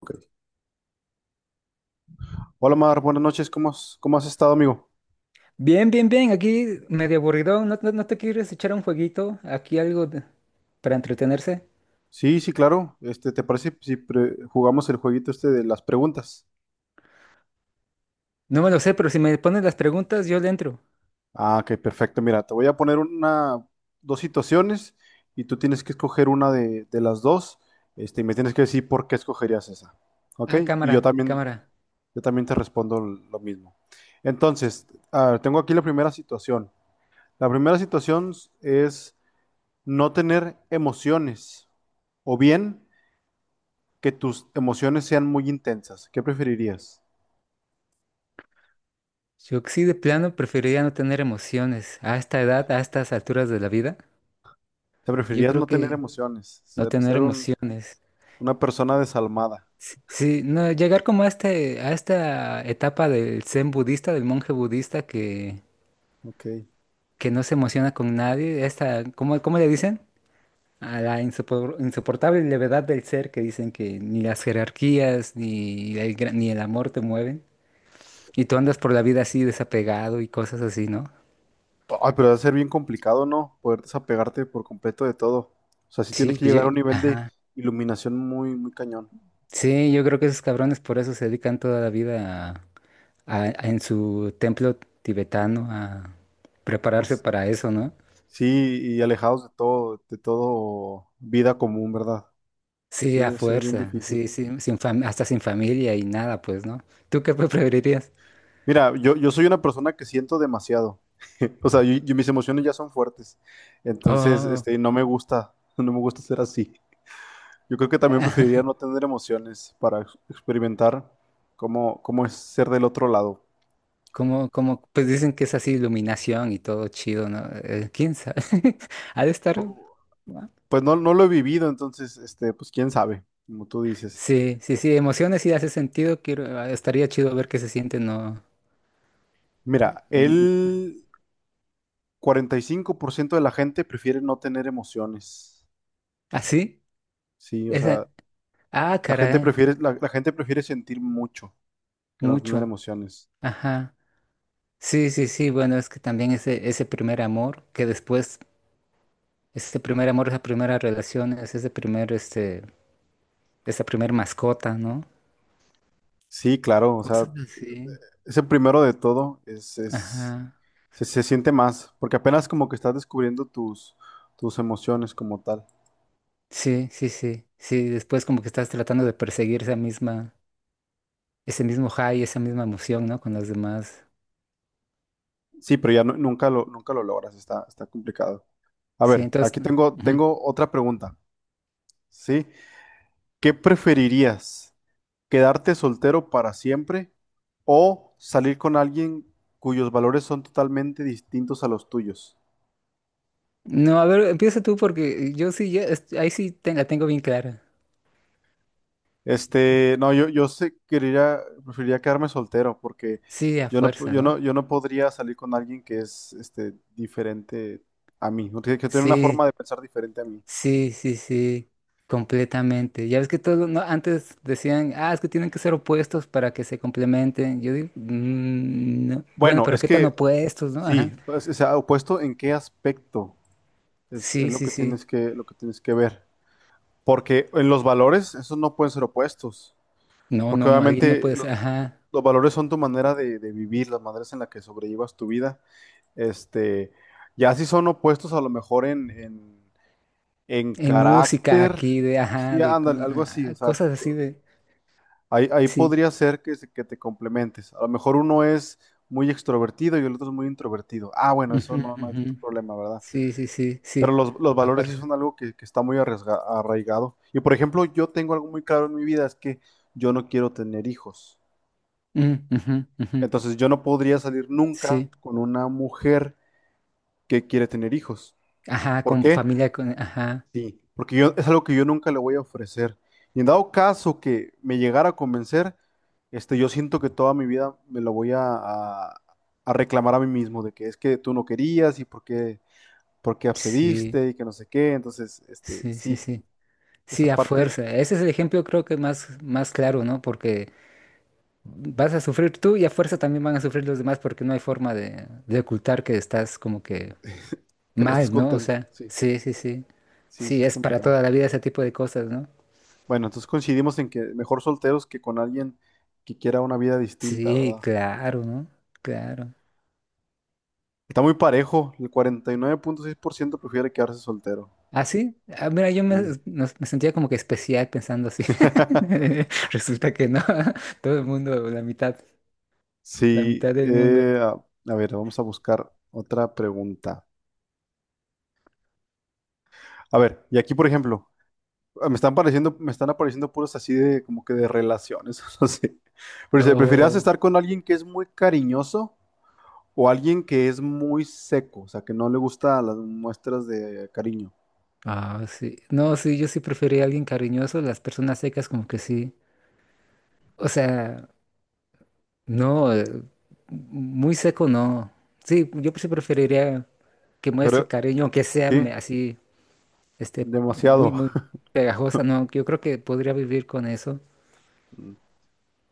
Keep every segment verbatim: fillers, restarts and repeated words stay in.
Ok. Hola Mar, buenas noches, ¿cómo has, cómo has estado, amigo? Bien, bien, bien. Aquí medio aburrido. ¿No, no, no te quieres echar un jueguito? Aquí algo de- para entretenerse. Sí, sí, claro. Este, ¿te parece si pre- jugamos el jueguito este de las preguntas? No me lo sé, pero si me pones las preguntas, yo le entro. Ah, ok, perfecto. Mira, te voy a poner una, dos situaciones y tú tienes que escoger una de, de las dos, este, y me tienes que decir por qué escogerías esa. ¿Ok? Ah, Y yo cámara, también, cámara. yo también te respondo l- lo mismo. Entonces, a ver, tengo aquí la primera situación. La primera situación es no tener emociones o bien que tus emociones sean muy intensas. ¿Qué preferirías? Yo que sí de plano preferiría no tener emociones. A esta edad, a estas alturas de la vida, ¿Te yo preferirías creo no tener que emociones? no Ser, tener ser un- emociones. Una persona desalmada. Sí, sí, no, llegar como a este, a esta etapa del zen budista, del monje budista que, Ok. que no se emociona con nadie. Esta, ¿cómo, cómo le dicen? A la insopor- insoportable levedad del ser que dicen que ni las jerarquías ni el, gra- ni el amor te mueven. Y tú andas por la vida así desapegado y cosas así, ¿no? Ay, pero debe ser bien complicado, ¿no? Poder desapegarte por completo de todo. O sea, sí tienes Sí, que pues yo, llegar a un nivel de ajá. iluminación muy, muy cañón. Sí, yo creo que esos cabrones por eso se dedican toda la vida a, a- a- en su templo tibetano a prepararse para eso, ¿no? Sí, y alejados de todo, de todo vida común, ¿verdad? Sí, Sí, a debe ser bien fuerza, difícil. sí, sí, sin fam- hasta sin familia y nada, pues, ¿no? ¿Tú qué preferirías? Mira, yo, yo soy una persona que siento demasiado. O sea, yo- yo- mis emociones ya son fuertes. Entonces, Oh. este, no me gusta, no me gusta ser así. Yo creo que también preferiría no tener emociones para ex- experimentar cómo, cómo es ser del otro lado. Como, como, pues dicen que es así iluminación y todo chido, ¿no? Eh, ¿quién sabe? Ha de estar. ¿No? Pues no, no lo he vivido, entonces, este, pues quién sabe, como tú dices. Sí, sí, sí, emociones sí hace sentido. Quiero, ah, estaría chido ver qué se siente, ¿no? Mira, En- el cuarenta y cinco por ciento de la gente prefiere no tener emociones. ¿Así? Sí, o sea, Esa. Ah, la gente caray, prefiere, la la gente prefiere sentir mucho que no tener mucho. emociones. Ajá. Sí, sí, sí. Bueno, es que también ese, ese primer amor, que después, ese primer amor, esa primera relación, es ese primer, este, esa primer mascota, ¿no? Sí, claro, o Cosas sea, así. ese primero de todo es, es- Ajá. se, se siente más, porque apenas como que estás descubriendo tus, tus emociones como tal. Sí, sí, sí, sí, después como que estás tratando de perseguir esa misma, ese mismo high, esa misma emoción, ¿no? Con las demás. Sí, pero ya nu- nunca lo, nunca lo logras, está, está complicado. A Sí, ver, entonces, aquí tengo, ujú. tengo otra pregunta, ¿sí? ¿Qué preferirías? ¿Quedarte soltero para siempre o salir con alguien cuyos valores son totalmente distintos a los tuyos? No, a ver, empieza tú porque yo sí, ya, es- ahí sí te- la tengo bien clara. Este, no, yo, yo sé, quería, Preferiría quedarme soltero porque Sí, a yo no, pu- fuerza, yo no, ¿no? yo no podría salir con alguien que es, este, diferente a mí, ¿no? que, que tiene una forma Sí, de pensar diferente a mí. sí, sí, sí, completamente. Ya ves que todo, no, antes decían, ah, es que tienen que ser opuestos para que se complementen. Yo digo, "Mm, no". Bueno, Bueno, pero es ¿qué tan que opuestos, no? Ajá. sí, pues, o sea, opuesto en qué aspecto es, es Sí, lo sí, que sí. tienes que, lo que tienes que ver. Porque en los valores, esos no pueden ser opuestos. No, Porque no, no, alguien no obviamente puede ser, lo- ajá. los valores son tu manera de, de vivir, las maneras en las que sobrellevas tu vida. Este, ya si son opuestos a lo mejor en, en en En música carácter, aquí de, ajá, sí, de co- ándale, algo así, ah, o sea, cosas así de, ahí, ahí sí. podría ser que, se- que te complementes. A lo mejor uno es muy extrovertido y el otro es muy introvertido. Ah, bueno, Ujú, eso no, no hay tanto ujú, problema, ¿verdad? sí, sí, sí, Pero sí, los, los a valores sí fuerza. son algo que, que está muy arriesga- arraigado. Y por ejemplo, yo tengo algo muy claro en mi vida, es que yo no quiero tener hijos. Mm, ujú, ujú, Entonces yo no podría salir nunca sí, con una mujer que quiere tener hijos. ajá, ¿Por con qué? familia, con, ajá, Sí, porque yo es algo que yo nunca le voy a ofrecer. Y en dado caso que me llegara a convencer, este, yo siento que toda mi vida me lo voy a, a- a reclamar a mí mismo de que es que tú no querías y por qué, por qué sí, accediste y que no sé qué. Entonces, este, sí, sí, sí, sí. Sí, esa a parte fuerza. Ese es el ejemplo creo que más, más claro, ¿no? Porque vas a sufrir tú y a fuerza también van a sufrir los demás porque no hay forma de, de ocultar que estás como que que no estás mal, ¿no? O contento. sea, Sí, sí, sí, sí. sí, sí Sí, es es para complicado. toda la vida ese tipo de cosas, ¿no? Bueno, entonces coincidimos en que mejor solteros que con alguien que quiera una vida distinta, Sí, ¿verdad? claro, ¿no? Claro. Está muy parejo. El cuarenta y nueve punto seis por ciento prefiere quedarse soltero. Ah, sí. Ah, mira, yo me, Sí. nos- me sentía como que especial pensando así. Resulta que no. Todo el mundo, la mitad, la Sí, mitad del mundo. eh, a, a ver, vamos a buscar otra pregunta. A ver, y aquí, por ejemplo, ah, me están pareciendo, me están apareciendo puros así de como que de relaciones, no sé. Pero si preferirías Oh, estar con alguien que es muy cariñoso o alguien que es muy seco, o sea, que no le gusta las muestras de cariño. ah, sí. No, sí, yo sí prefería a alguien cariñoso. Las personas secas como que sí. O sea, no, eh, muy seco no. Sí, yo sí preferiría que muestre Pero cariño, aunque sea sí, me- así, este, muy, demasiado. muy pegajosa. No, yo creo que podría vivir con eso. Mm.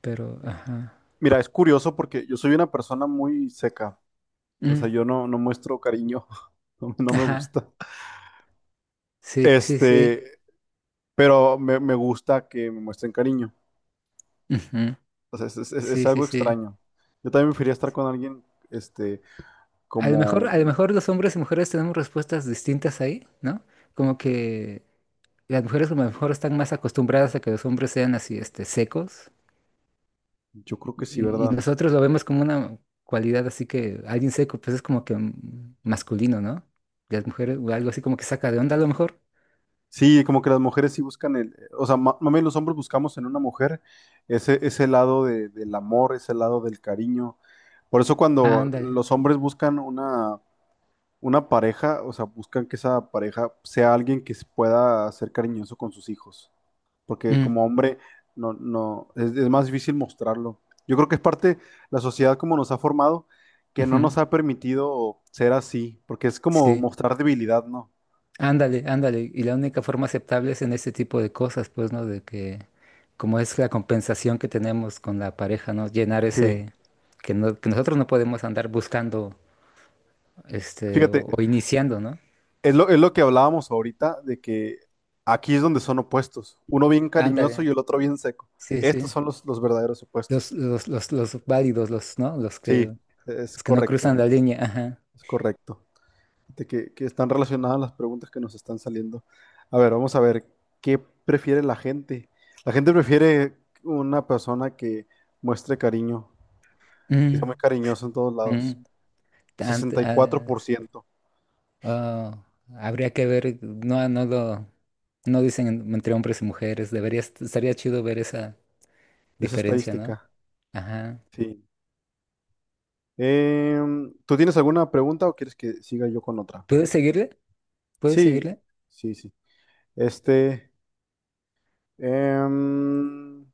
Pero, ajá. Mira, es curioso porque yo soy una persona muy seca. O sea, Mm, yo no, no muestro cariño, no no me ajá. gusta. Sí, sí, sí. Este, pero me, me gusta que me muestren cariño. Ujú. O sea, es, es- es- es Sí, sí, algo sí. extraño. Yo también preferiría estar con alguien, este, A lo mejor, como, a lo mejor los hombres y mujeres tenemos respuestas distintas ahí, ¿no? Como que las mujeres como a lo mejor están más acostumbradas a que los hombres sean así, este, secos, yo creo que sí, y, y ¿verdad? nosotros lo vemos como una cualidad así que alguien seco, pues es como que mm, masculino, ¿no? Y las mujeres, o algo así como que saca de onda a lo mejor. Sí, como que las mujeres sí buscan el, o sea, ma- mami, los hombres buscamos en una mujer ese, ese lado de- del amor, ese lado del cariño. Por eso Ah, cuando ándale. los hombres buscan una, una pareja, o sea, buscan que esa pareja sea alguien que se pueda ser cariñoso con sus hijos. Porque Mm, como hombre no, no, es, es más difícil mostrarlo. Yo creo que es parte la sociedad como nos ha formado, que no ujú. nos ha permitido ser así, porque es como Sí, mostrar debilidad, ¿no? ándale, ándale. Y la única forma aceptable es en este tipo de cosas, pues, ¿no? De que, como es la compensación que tenemos con la pareja, ¿no? Llenar Sí. ese, que, no- que nosotros no podemos andar buscando, este, Fíjate, o, o iniciando, ¿no? es lo, es lo que hablábamos ahorita, de que aquí es donde son opuestos, uno bien cariñoso y Ándale, el otro bien seco. sí, Estos sí. son los, los verdaderos Los, opuestos. los, los, los válidos, los, ¿no? Los Sí, que, es los que no cruzan correcto, la línea, ajá. es correcto. De que, que están relacionadas las preguntas que nos están saliendo. A ver, vamos a ver, ¿qué prefiere la gente? La gente prefiere una persona que muestre cariño, que sea Mm, muy cariñoso en todos lados. mm. Tan- Sesenta y cuatro por ciento ah, oh, habría que ver, no, no lo, no dicen entre hombres y mujeres. Debería, est- estaría chido ver esa esa diferencia, ¿no? estadística. Ajá. Sí. Em, ¿tú tienes alguna pregunta o quieres que siga yo con otra? ¿Puedes seguirle? ¿Puedes Sí, seguirle? sí, sí. Este, em,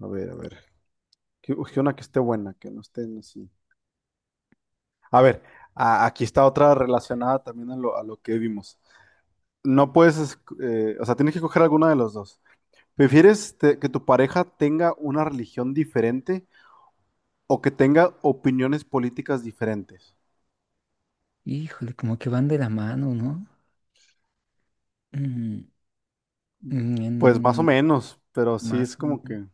a ver, a ver. Que, que una que esté buena, que no estén así. A ver, a- aquí está otra relacionada también a lo, a lo que vimos. No puedes, es- eh, o sea, tienes que coger alguna de los dos. ¿Prefieres te- que tu pareja tenga una religión diferente o que tenga opiniones políticas diferentes? Híjole, como que van de la mano, ¿no? Mm, Pues más o mm, menos, pero sí más es o como menos. que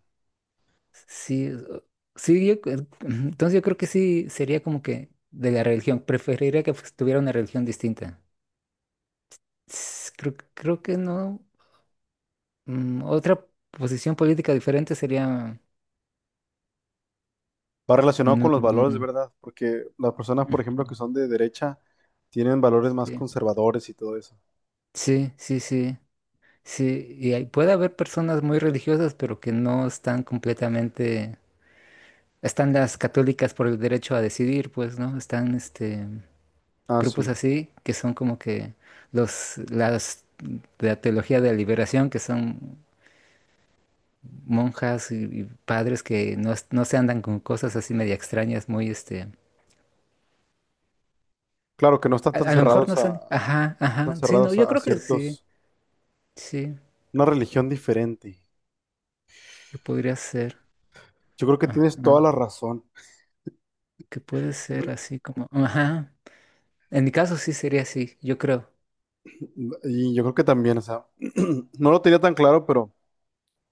Sí, o- sí, yo, cre- ujú, entonces yo creo que sí sería como que de la religión. Preferiría que pues, tuviera una religión distinta. S- Creo, creo que no. Mm, otra posición política diferente sería… va relacionado Mm, con los valores de mm, verdad, porque las personas, por ejemplo, que son de derecha, tienen valores más sí, conservadores y todo eso. sí, sí, sí. Sí, y hay- puede haber personas muy religiosas, pero que no están completamente, están las católicas por el derecho a decidir, pues, ¿no? Están este Ah, grupos sí. así que son como que los las de la teología de la liberación, que son monjas y, y padres que no, es- no se andan con cosas así media extrañas, muy este, Claro que no están a, tan a lo mejor cerrados no son, a, ajá, tan ajá, sí, no, cerrados yo a a creo que sí, ciertos, sí, una religión diferente. que podría ser, Yo creo que tienes ajá, toda la razón. que puede ser así como, ajá. En mi caso sí sería así, yo creo. Y yo creo que también, o sea, no lo tenía tan claro, pero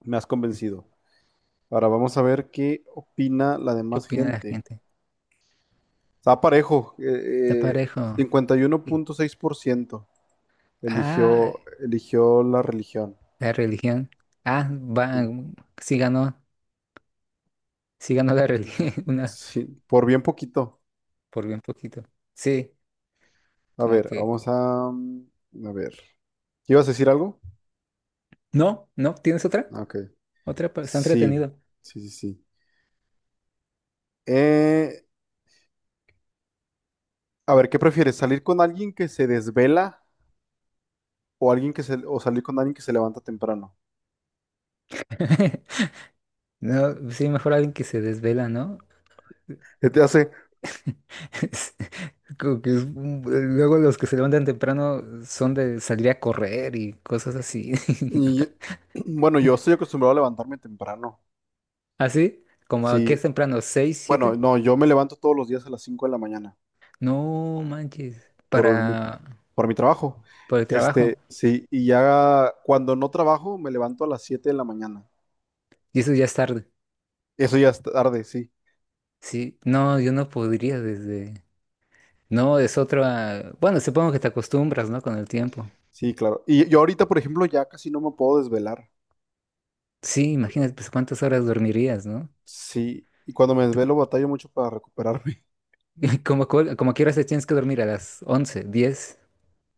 me has convencido. Ahora vamos a ver qué opina la ¿Qué demás opina la gente. gente? Está parejo, eh, Está eh, parejo. cincuenta y uno Sí. punto seis por ciento Ah, eligió, eligió la religión. la religión. Ah, va, Sí, mm, sí ganó, sí ganó la sí, sí, religión, sí. una Sí, por bien poquito. por bien poquito. Sí, A como ver, que… vamos a... mm, a ver. ¿Ibas a decir algo? No, no, ¿tienes otra? Ah, ok. Otra, pa- está Sí, entretenido. sí, sí, sí. Eh, a ver, ¿qué prefieres? ¿Salir con alguien que se desvela o alguien que se, o salir con alguien que se levanta temprano? No, sí, mejor alguien que se desvela, ¿no? ¿Qué te hace? Es como que es- un- luego los que se levantan temprano son de salir a correr y cosas así. Y yo- bueno, yo estoy acostumbrado a levantarme temprano. ¿Así? Como que Sí, es temprano, ¿seis, bueno, siete? no, Yo me levanto todos los días a las cinco de la mañana No manches, por mi, para, por mi trabajo. para el trabajo. Este, sí, y ya cuando no trabajo me levanto a las siete de la mañana. Y eso ya es tarde. Eso ya es tarde, sí. Sí, no, yo no podría desde… No, es otra… Bueno, supongo que te acostumbras, ¿no? Con el tiempo. Sí, claro. Y yo ahorita, por ejemplo, ya casi no me puedo desvelar. Sí, imagínate, pues cuántas horas dormirías, ¿no? Sí, y cuando me Tú como, desvelo batallo mucho para recuperarme. como, cuál- como quieras te tienes que dormir a las once, diez,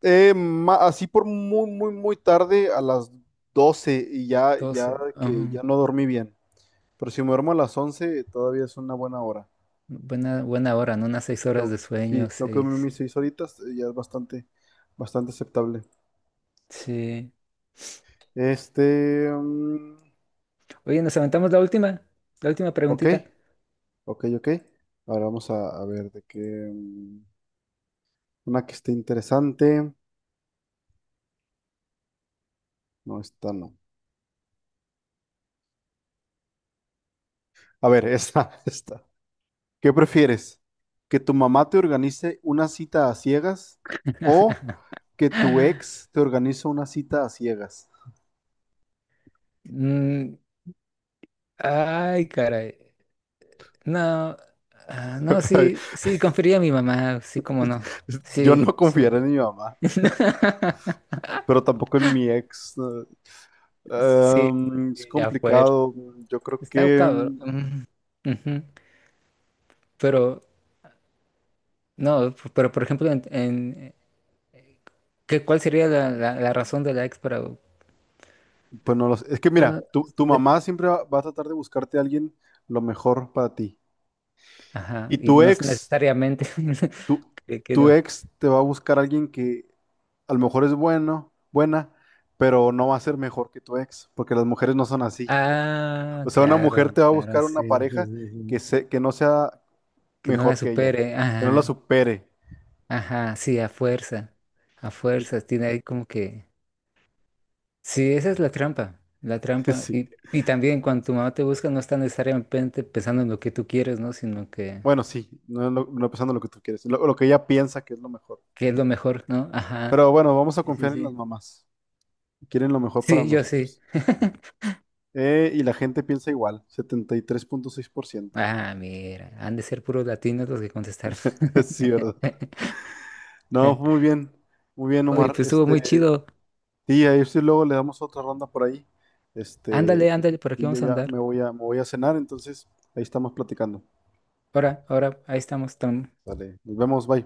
Eh, ma- así por muy, muy, muy tarde, a las doce y ya, ya doce. que Ah, ya no dormí bien. Pero si me duermo a las once todavía es una buena hora. buena, buena hora, ¿no? Unas seis Y horas tengo- de sí, sueño, tengo que dormir seis. mis seis horitas, eh, ya es bastante, bastante aceptable. Sí. Este, mm, Oye, nos aventamos la última, la última ok, preguntita. ok, ok. Ahora vamos a, a ver de qué, mm, una que esté interesante. No, esta no. A ver, esta, esta. ¿Qué prefieres? ¿Que tu mamá te organice una cita a ciegas o que tu ex te organice una cita a ciegas? Mm, ay, caray. No, ah, no, Ay, sí, sí, confería a mi mamá, sí, cómo no. yo Sí, no confiaré sí. en mi mamá, pero tampoco en mi ex. Eh, Sí, em, es sí, ya fue. complicado. Yo creo Está que, cabrón. mm, Ujú, ujú. Pero, no, p- pero por ejemplo, en, en- ¿qué, cuál sería la, la, la razón de la ex para… pues no lo sé. Es que para- mira, tu, tu de- mamá siempre va, va a tratar de buscarte a alguien lo mejor para ti. Ajá, Y y tu no es ex, necesariamente tu, que, que tu no. ex te va a buscar a alguien que a lo mejor es bueno, buena, pero no va a ser mejor que tu ex, porque las mujeres no son así. Ah, O sea, una claro, mujer te va a claro, buscar sí, una sí, pareja sí, que, sí. se, que no sea Que no la mejor que ella, supere, que no la ajá. supere. Ajá, sí, a fuerza, a Yo- fuerzas tiene ahí como que… Sí, esa es la trampa, la trampa. sí. Y, y también cuando tu mamá te busca no está necesariamente pensando en lo que tú quieres, ¿no? Sino que, Bueno, sí, no, no, no pensando lo que tú quieres, lo, lo que ella piensa que es lo mejor. que es lo mejor, ¿no? Ajá, Pero bueno, vamos a sí, sí, confiar en las sí. mamás. Quieren lo mejor para Sí, yo sí. nosotros. Eh, y la gente piensa igual. Setenta y tres punto seis por ciento. Ah, mira, han de ser puros latinos los que contestaron. Sí, ¿verdad? No, muy bien, muy bien, Oye, Omar. pues estuvo muy Este, chido. sí, ahí sí luego le damos otra ronda por ahí. Este, Ándale, ándale, por aquí y yo vamos a ya andar. me voy a, me voy a cenar, entonces ahí estamos platicando. Ahora, ahora, ahí estamos, Tom. Vale, nos vemos, bye.